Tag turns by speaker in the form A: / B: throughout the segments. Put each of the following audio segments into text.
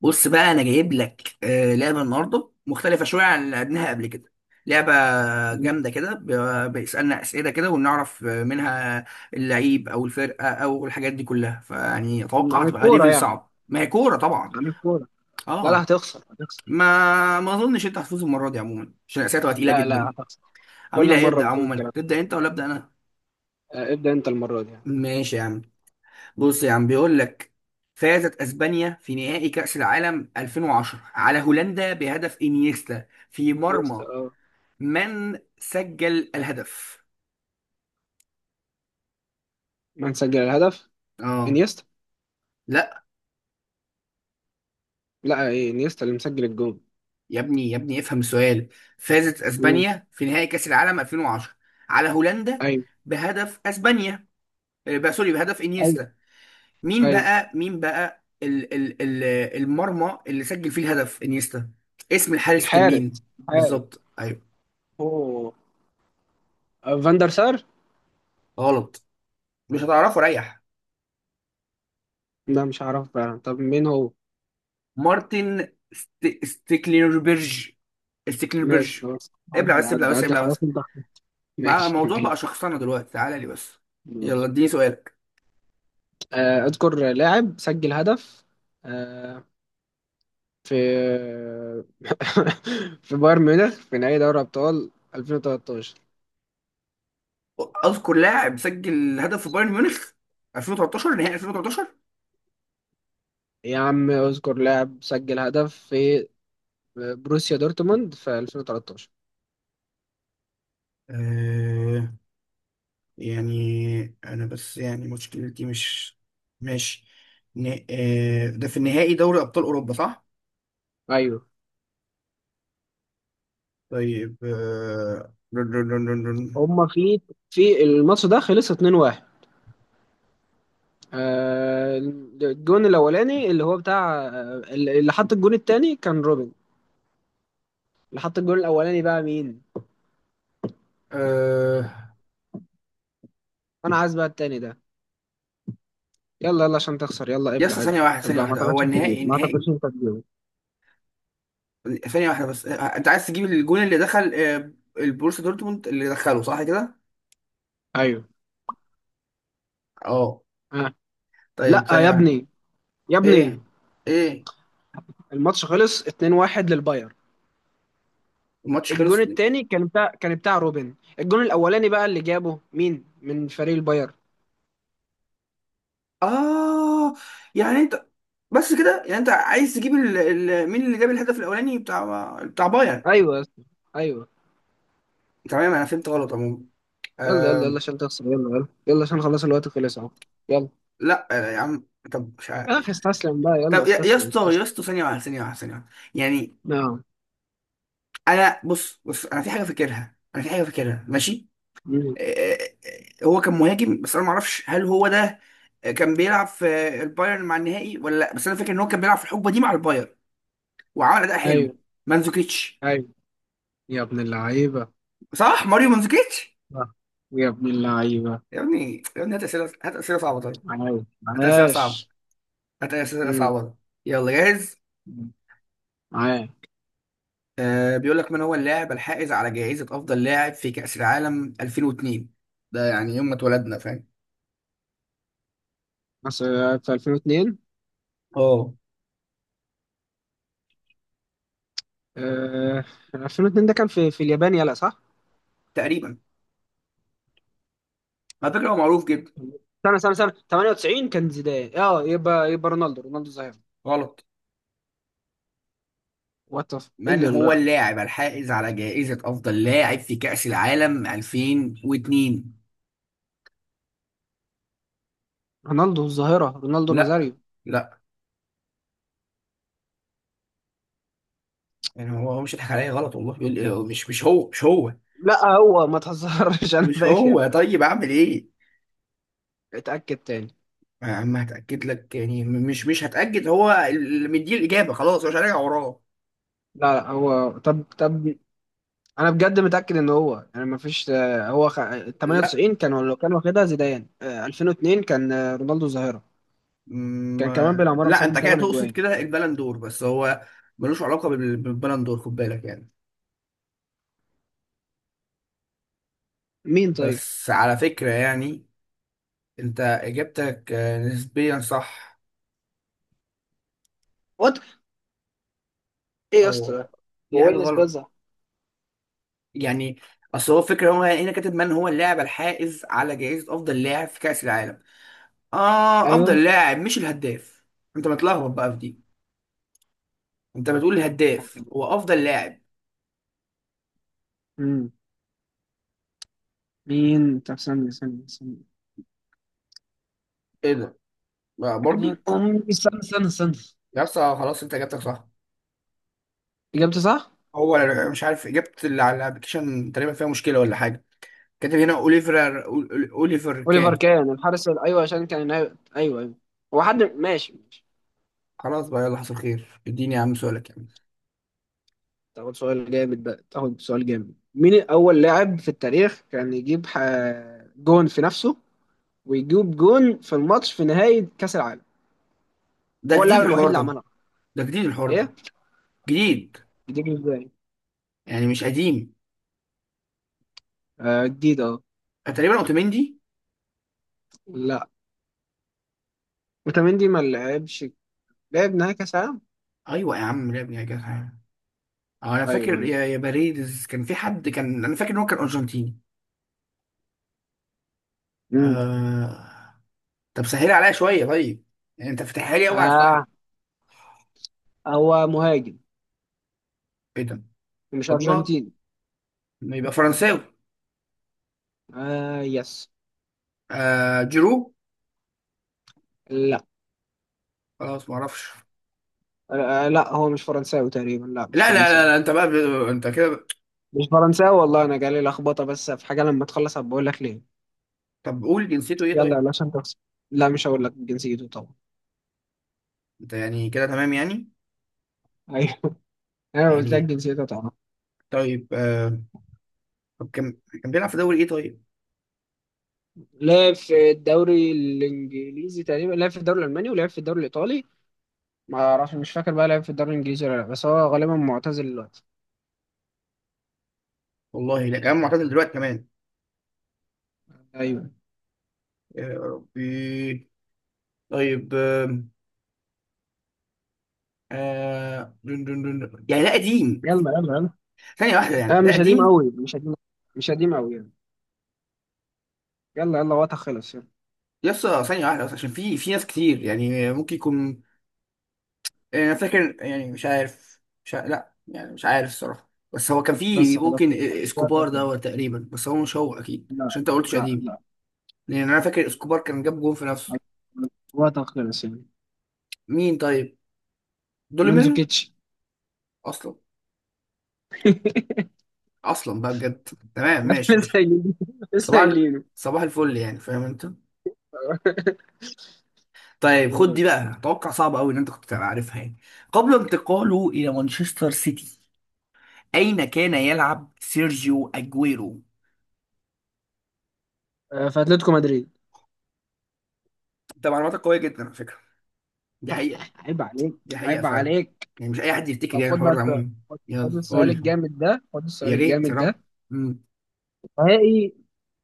A: بص بقى انا جايب لك لعبه النهارده مختلفه شويه عن اللي لعبناها قبل كده. لعبه
B: م-
A: جامده كده بيسالنا اسئله كده ونعرف منها اللعيب او الفرقه او الحاجات دي كلها، فيعني اتوقع
B: عن
A: هتبقى
B: الكورة
A: ليفل
B: يعني
A: صعب، ما هي كوره طبعا.
B: عن الكورة. لا لا،
A: اه،
B: هتخسر هتخسر.
A: ما ما اظنش انت هتفوز المره دي عموما عشان الاسئله تبقى تقيله
B: لا
A: جدا.
B: لا هتخسر،
A: مين
B: كل
A: اللي
B: مرة
A: هيبدا
B: بتقول
A: عموما،
B: الكلام
A: تبدا انت ولا ابدا انا؟
B: ده. ابدأ أنت المرة دي يعني.
A: ماشي يا عم. بص يا عم بيقول لك: فازت اسبانيا في نهائي كأس العالم 2010 على هولندا بهدف انيستا في
B: انيستا
A: مرمى،
B: اه.
A: من سجل الهدف؟
B: من سجل الهدف؟
A: اه.
B: انيستا.
A: لا،
B: لا ايه، انيستا اللي مسجل الجول.
A: يا ابني يا ابني افهم السؤال. فازت
B: امم.
A: اسبانيا في نهائي كأس العالم 2010 على هولندا
B: ايوه.
A: بهدف اسبانيا، بقى سوري بهدف
B: ايوه.
A: انيستا. مين
B: ايوه.
A: بقى مين بقى ال المرمى اللي سجل فيه الهدف انيستا، اسم الحارس كان مين؟
B: الحارس الحارس.
A: بالظبط ايوه.
B: اوه. فاندر سار.
A: غلط، مش هتعرفه ريح.
B: لا مش هعرف بقى، طب مين هو؟
A: مارتن ستيكليربرج،
B: ماشي
A: ستيكليربرج.
B: خلاص،
A: ابلع
B: عدي
A: بس، ابلع
B: عدي
A: بس،
B: عدي،
A: ابلع
B: خلاص
A: بس.
B: انت.
A: بقى
B: ماشي
A: الموضوع بقى
B: ماشي.
A: شخصنة دلوقتي، تعالى لي بس. يلا
B: ماشي.
A: اديني سؤالك.
B: اذكر لاعب سجل هدف آه، في في بايرن ميونخ في نهائي دوري أبطال 2013.
A: اذكر لاعب سجل هدف في بايرن ميونخ 2013، نهائي 2013.
B: يا عم اذكر لاعب سجل هدف في بروسيا دورتموند في 2013.
A: أه، يعني انا بس يعني مشكلتي مش، ماشي. ن... أه ده في النهائي دوري ابطال اوروبا صح؟
B: أيوه.
A: طيب رن رن رن رن رن.
B: هما في الماتش ده خلص 2-1. الجون الأولاني اللي هو بتاع اللي حط الجون التاني كان روبن. اللي حط الجون الأولاني بقى مين؟
A: أه...
B: أنا عايز بقى التاني ده. يلا يلا عشان تخسر، يلا
A: يا اسطى
B: ابلع ابلع
A: ثانية واحدة، ثانية
B: ابلع. ما
A: واحدة، هو
B: اعتقدش انت
A: النهائي
B: تجيب، ما
A: النهائي؟
B: اعتقدش انت تجيب.
A: ثانية واحدة بس، انت عايز تجيب الجون اللي دخل البروسيا دورتموند اللي دخله صح كده؟
B: ايوه.
A: اه.
B: آه.
A: طيب
B: لا، يا
A: ثانية واحدة.
B: ابني يا ابني،
A: ايه ايه،
B: الماتش خلص 2-1 للباير.
A: الماتش
B: الجون
A: خلص.
B: التاني كان كان بتاع روبن، الجون الاولاني بقى اللي جابه مين من فريق الباير؟
A: اه يعني انت، بس كده يعني انت عايز تجيب مين اللي جاب الهدف الاولاني بتاع بايرن.
B: ايوه يا اسطى، ايوه.
A: تمام انا فهمت غلط عموما.
B: يلا يلا يلا
A: آه...
B: عشان تخسر، يلا يلا يلا عشان خلاص الوقت خلص اهو. يلا.
A: لا يا عم، طب مش عارف.
B: اخ استسلم بقى، يلا
A: طب يا
B: استسلم
A: اسطى يا
B: استسلم.
A: اسطى، ثانية واحدة ثانية واحدة ثانية واحدة، يعني
B: نعم.
A: انا بص بص انا في حاجة فاكرها، انا في حاجة فاكرها ماشي.
B: مم.
A: آه، هو كان مهاجم، بس انا ما اعرفش هل هو ده كان بيلعب في البايرن مع النهائي ولا لا، بس انا فاكر ان هو كان بيلعب في الحقبه دي مع البايرن وعمل اداء حلو.
B: ايوه.
A: مانزوكيتش.
B: ايوه. يا ابن اللعيبه.
A: صح، ماريو مانزوكيتش.
B: آه. يا ابن اللعيبه.
A: يا ابني يا ابني هات اسئله، هات اسئله صعبه طيب،
B: عاش
A: هات اسئله صعبه،
B: عاش.
A: هات اسئله
B: مم.
A: صعبه. يلا جاهز.
B: مم. عاش.
A: آه بيقول لك: من هو اللاعب الحائز على جائزه افضل لاعب في كاس العالم 2002؟ ده يعني يوم ما اتولدنا فاهم.
B: أصل في 2002.
A: اه
B: آه، 2002 ده كان في اليابان، يلا صح؟
A: تقريبا. على فكره هو معروف جدا.
B: سنة سنة 98 كان زيدان، اه، يبقى يبقى رونالدو، رونالدو الظاهرة.
A: غلط.
B: وات، ايه
A: من
B: اللي
A: هو
B: لا؟
A: اللاعب الحائز على جائزة أفضل لاعب في كأس العالم 2002؟
B: رونالدو الظاهرة، رونالدو
A: لا.
B: نازاريو.
A: لا. يعني هو هو مش هيضحك عليا غلط والله، بيقول إيه، مش مش هو، مش هو.
B: لا هو ما تهزرش، انا
A: مش
B: فاكر.
A: هو طيب، أعمل إيه؟
B: اتأكد تاني.
A: يا عم هتأكد لك يعني مش مش هتأكد، هو اللي مديه الإجابة خلاص مش هراجع وراه.
B: لا لا، هو طب طب، انا بجد متأكد ان هو يعني ما فيش، هو
A: لا،
B: 98 كان لو كان واخدها زيدان، 2002 كان رونالدو الظاهرة. كان كمان
A: ما
B: بالعمارة
A: لا أنت
B: مسجل
A: كده
B: 8
A: تقصد
B: اجوان.
A: كده البلندور، بس هو ملوش علاقة بالبلندور خد بالك يعني.
B: مين طيب؟
A: بس على فكرة يعني، أنت إجابتك نسبيا صح.
B: وات، ايه يا اسطى
A: او
B: ده؟
A: دي
B: هو
A: حاجه
B: وينس
A: غلط
B: بازا.
A: يعني. اصل هو الفكره، هو هنا كاتب من هو اللاعب الحائز على جائزه افضل لاعب في كاس العالم، اه
B: ايوه.
A: افضل لاعب مش الهداف. انت متلخبط بقى في دي، انت بتقول الهداف هو افضل لاعب.
B: مم. مين طب؟ استنى استنى استنى.
A: ايه ده بقى
B: يعني
A: برضو.
B: استنى استنى استنى.
A: يا اسطى خلاص انت اجابتك صح.
B: إجابته صح؟
A: هو مش عارف، اجابه اللي على الابلكيشن تقريبا فيها مشكله ولا حاجه، كاتب هنا اوليفر اوليفر
B: أوليفر
A: كان.
B: كان الحارس أيوه عشان كان نايم. أيوه أيوه. هو حد ماشي ماشي.
A: خلاص بقى، يلا حصل خير، اديني يا عم سؤالك يعني.
B: تاخد سؤال جامد بقى، تاخد سؤال جامد. مين أول لاعب في التاريخ كان يجيب جون في نفسه ويجيب جون في الماتش في نهاية كأس العالم؟
A: ده
B: هو
A: جديد
B: اللاعب الوحيد
A: الحوار
B: اللي
A: ده.
B: عملها.
A: ده جديد الحوار
B: إيه؟
A: ده. جديد.
B: جديد إزاي؟
A: يعني مش قديم.
B: آه جديد أه.
A: تقريبا اوتوميندي.
B: لا، وتمندي ما لعبش، لعب نهائي كأس العالم؟
A: ايوه يا عم لعب يا جدع. اه انا
B: أيوه
A: فاكر
B: أيوه.
A: يا باريدز، كان في حد كان، انا فاكر ان هو كان ارجنتيني.
B: مم.
A: آه... طب سهل عليا شويه طيب. يعني انت فاتحها لي قوي على
B: آه،
A: الفحري.
B: هو مهاجم،
A: ايه ده؟
B: مش
A: اضمك.
B: أرجنتيني.
A: ما يبقى فرنساوي.
B: آه يس.
A: جيرو. خلاص ما اعرفش.
B: لا هو مش فرنساوي تقريبا، لا مش
A: لا لا لا
B: فرنساوي.
A: لا انت بقى انت كده
B: مش فرنساوي والله، انا جالي لخبطه، بس في حاجه لما تخلص هبقى اقول لك ليه.
A: طب قول جنسيته ايه
B: يلا
A: طيب.
B: يلا عشان تخسر. لا مش هقول لك جنسيته طبعا.
A: انت يعني كده تمام يعني؟
B: ايوه. انا قلت لك
A: يعني،
B: جنسيته طبعا.
A: طيب طب كان، كان بيلعب في دوري ايه طيب؟
B: لعب في الدوري الانجليزي تقريبا، لعب في الدوري الالماني، ولعب في الدوري الايطالي. ما اعرفش، مش فاكر بقى لعب في الدوري الانجليزي ولا لا، بس هو غالبا معتزل دلوقتي.
A: والله لا، كان معتزل دلوقتي كمان.
B: ايوه.
A: يا ربي. طيب دون دون دون دون. يعني ده قديم.
B: يلا يلا يلا.
A: ثانية واحدة، يعني
B: آه
A: ده
B: مش قديم
A: قديم.
B: قوي، مش قديم. مش قديم قوي يعني. يلا يلا، وقتها خلص يلا.
A: يس، ثانية واحدة بس عشان في ناس كتير يعني ممكن يكون، يعني انا فاكر يعني مش عارف، مش عارف. لا يعني مش عارف الصراحة، بس هو كان في،
B: بس خلاص،
A: ممكن
B: وقتها
A: اسكوبار ده
B: خلص.
A: هو تقريبا، بس هو مش هو اكيد عشان
B: لا.
A: انت قلتش
B: لا
A: قديم.
B: لا.
A: لان انا فاكر اسكوبار كان جاب جون في نفسه.
B: وقتها خلص يعني.
A: مين طيب؟ دوليمير.
B: مانزوكيتش.
A: اصلا، اصلا بقى بجد. تمام
B: عارف
A: ماشي
B: لسه
A: ماشي.
B: قايلينه، لسه قايلينه.
A: صباح الفل يعني فاهم انت. طيب خد دي
B: أمم.
A: بقى، توقع صعب قوي ان انت كنت تبقى عارفها يعني. قبل انتقاله الى مانشستر سيتي اين كان يلعب سيرجيو اجويرو؟
B: في اتلتيكو مدريد.
A: انت معلوماتك قوية جدا على فكرة، دي حقيقة.
B: عيب عليك.
A: دي حقيقة
B: عيب
A: فعلا،
B: عليك.
A: يعني مش اي حد يفتكر
B: طب
A: يعني
B: خد بقى
A: الحوار ده
B: السؤال.
A: عموما.
B: خد
A: يلا
B: خد
A: قول
B: السؤال
A: لي،
B: الجامد ده، خد السؤال
A: يا ريت يا
B: الجامد ده.
A: رب. مم.
B: نهائي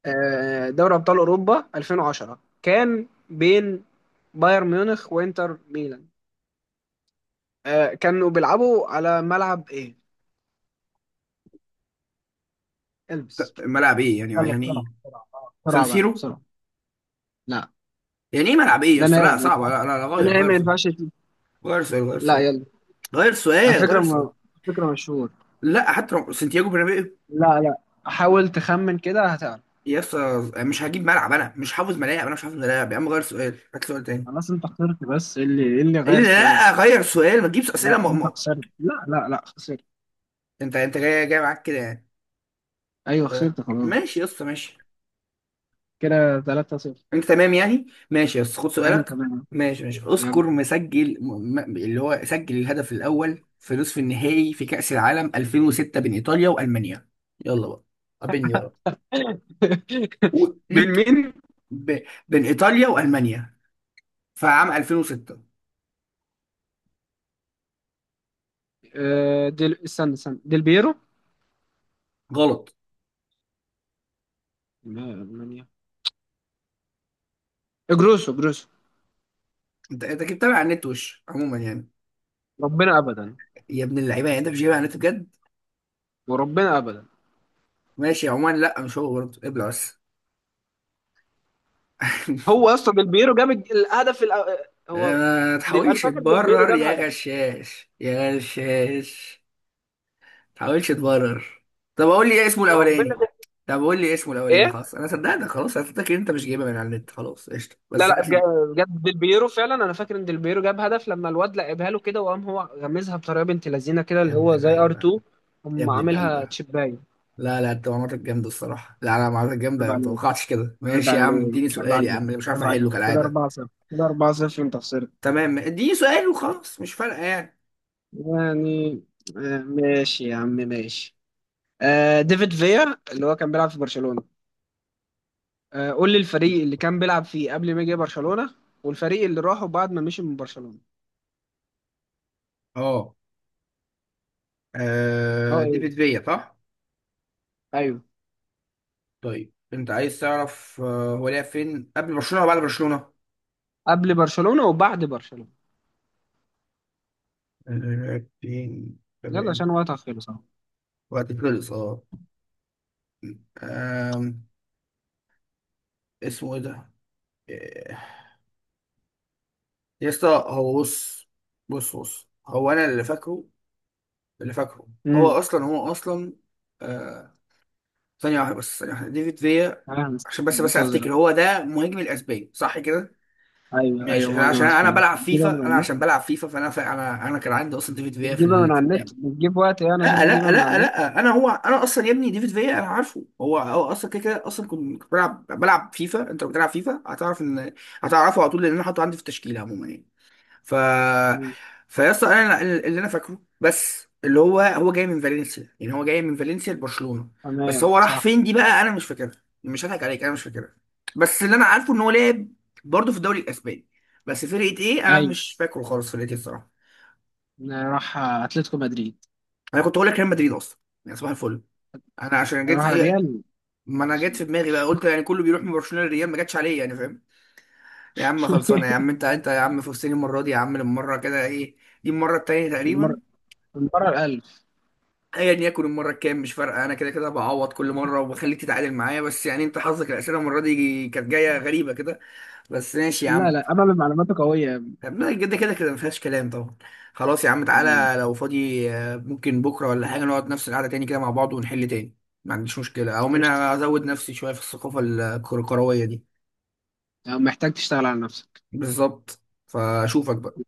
B: دوري ابطال اوروبا 2010 كان بين بايرن ميونخ وانتر ميلان، كانوا بيلعبوا على ملعب ايه؟ البس.
A: ملعب ايه يعني؟
B: يلا
A: يعني ايه؟
B: بسرعه بسرعه،
A: سان
B: بسرعه بقى
A: سيرو.
B: بسرعه. لا،
A: يعني ايه ملعب ايه يا
B: ده
A: اسطى،
B: نهائي
A: لا
B: ما
A: صعبة
B: ينفعش،
A: لا لا لا،
B: ده
A: غير
B: نهائي
A: غير
B: ما
A: سؤال،
B: ينفعش.
A: غير سؤال، غير
B: لا
A: سؤال،
B: يلا.
A: غير
B: على
A: سؤال،
B: فكرة
A: غير سؤال.
B: على فكرة مشهور.
A: لا حتى لو سانتياغو برنابيو.
B: لا لا. حاول تخمن كده هتعرف.
A: يا اسطى مش هجيب ملعب، انا مش حافظ ملاعب، انا مش حافظ ملاعب يا عم، غير سؤال، هات سؤال تاني.
B: خلاص انت خسرت، بس إيه اللي إيه اللي
A: قال لي
B: غير السؤال؟
A: لا غير سؤال، ما تجيبش اسئله
B: لا انت خسرت، لا لا لا خسرت.
A: انت جاي معاك كده يعني.
B: ايوه
A: تمام.
B: خسرت
A: ماشي
B: خلاص.
A: يا اسطى ماشي.
B: كده 3-0.
A: انت تمام يعني، ماشي يا اسطى خد
B: انا
A: سؤالك.
B: تمام.
A: ماشي ماشي،
B: يلا.
A: اذكر مسجل اللي هو سجل الهدف الاول في نصف النهائي في كأس العالم 2006 بين ايطاليا والمانيا. يلا بقى، قابلني بقى
B: بين
A: وليك.
B: مين؟
A: ب... بين ايطاليا والمانيا، في عام 2006.
B: آه ديل، استنى استنى، ديل بيرو.
A: غلط.
B: لا، المانيا. جروسو جروسو.
A: انت انت كنت متابع على النت وش عموما يعني.
B: ربنا ابدا.
A: يا ابن اللعيبه، يعني انت مش جايبها على النت بجد.
B: وربنا ابدا.
A: ماشي عموما، لا مش هو برضه، ابلع بس.
B: هو اصلا ديل بيرو جاب الهدف هو
A: ما
B: ديل، انا
A: تحاولش
B: فاكر ديل بيرو
A: تبرر
B: جاب
A: يا
B: هدف.
A: غشاش يا غشاش، ما تحاولش تبرر. طب اقول لي ايه اسمه
B: وربنا
A: الاولاني.
B: ده.
A: طب قول لي إيه اسمه الاولاني،
B: ايه؟
A: خلاص انا صدقتك، خلاص انا صدقتك ان انت مش جايبها من على النت، خلاص قشطه
B: لا
A: بس
B: لا،
A: هات لي.
B: بجد ديلبيرو فعلا، انا فاكر ان ديلبيرو جاب هدف لما الواد لعبها له كده وقام هو غمزها بطريقه بنت لذينه كده،
A: يا
B: اللي
A: ابن
B: هو زي ار
A: اللعيبه،
B: 2،
A: يا
B: قام
A: ابن
B: عاملها
A: اللعيبه.
B: تشيباي.
A: لا لا، انت معلوماتك جامده الصراحه، لا انا معلوماتك
B: عيب
A: جامده ما
B: عليك،
A: توقعتش كده.
B: عيب
A: ماشي يا عم،
B: عليك،
A: اديني
B: عيب
A: سؤال يا
B: عليك،
A: عم، أنا مش عارف
B: عيب
A: احله
B: عليك. كده
A: كالعاده.
B: 4-0، كده 4-0، انت خسرت
A: تمام اديني سؤال وخلاص، مش فارقه يعني.
B: يعني. ماشي يا عم، ماشي. آه ديفيد فيا، اللي هو كان بيلعب في برشلونه. آه قول لي الفريق اللي كان بيلعب فيه قبل ما يجي برشلونه، والفريق اللي راحوا بعد ما مشي من برشلونه.
A: اه.
B: اه.
A: آه دي
B: ايوه
A: فيا صح؟
B: ايوه.
A: طيب انت عايز تعرف هو لعب فين قبل برشلونة ولا بعد برشلونة؟
B: قبل برشلونه وبعد برشلونه.
A: لعب فين،
B: يلا عشان
A: تمام.
B: وقتها خلص.
A: وقت خلص اه. آم، اسمه ايه ده؟ آه، يا اسطى هو بص، بص هو انا اللي فاكره، اللي فاكره.
B: امم.
A: هو اصلا آه ثانية واحدة بس، ثانية واحدة، ديفيد فيا.
B: فاهم.
A: عشان بس افتكر
B: منتظرة.
A: هو ده مهاجم الاسباني صح كده؟
B: ايوه ايوه،
A: ماشي، عشان
B: مهاجم
A: عشان انا
B: اسباني
A: بلعب
B: بتجيبها من
A: فيفا،
B: على
A: انا
B: النت.
A: عشان بلعب فيفا فانا فا انا انا كان عندي اصلا ديفيد فيا في
B: بتجيبها من على النت،
A: اللعبة.
B: بتجيب وقت يعني
A: لا
B: عشان تجيبها
A: لا
B: من على
A: لا
B: النت.
A: لا انا هو انا اصلا يا ابني ديفيد فيا انا عارفه، هو هو اصلا كده كده اصلا كنت بلعب فيفا، انت لو بتلعب فيفا هتعرف ان، هتعرفه على طول لان انا حاطه عندي في التشكيله عموما يعني. ف
B: مم.
A: فيا اسطى انا اللي انا فاكره، بس اللي هو هو جاي من فالنسيا، يعني هو جاي من فالنسيا لبرشلونه. بس
B: تمام
A: هو راح
B: صح.
A: فين دي بقى انا مش فاكرها، مش هضحك عليك انا مش فاكرها. بس اللي انا عارفه ان هو لعب برضه في الدوري الاسباني، بس فرقه ايه انا
B: ايوه
A: مش فاكره خالص، فرقه ايه الصراحه.
B: راح اتلتيكو مدريد.
A: انا كنت هقول لك ريال مدريد اصلا، يعني صباح الفل. انا عشان جيت،
B: راح ريال.
A: ما انا جت في دماغي بقى قلت يعني كله بيروح من برشلونه للريال، ما جاتش عليا يعني فاهم. يا عم خلصانه يا عم، انت يا عم فزتني المره دي يا عم، المره كده ايه، دي المره التانيه
B: المرة،
A: تقريبا.
B: المرة الألف.
A: ايا يكن المره الكام مش فارقه، انا كده كده بعوض كل مره وبخليك تتعادل معايا، بس يعني انت حظك الاسئله المره دي كانت جايه غريبه كده، بس ماشي يا
B: لا
A: عم.
B: لا، أمل معلوماته قوية يا
A: طب لا، كده كده كده ما فيهاش كلام طبعا. خلاص يا عم
B: عم.
A: تعالى لو فاضي ممكن بكره ولا حاجه نقعد نفس القعده تاني كده مع بعض ونحل تاني. ما عنديش مشكله، او
B: قشطة.
A: منها ازود نفسي شويه في الثقافه الكرويه دي.
B: محتاج تشتغل على نفسك.
A: بالظبط. فاشوفك بقى.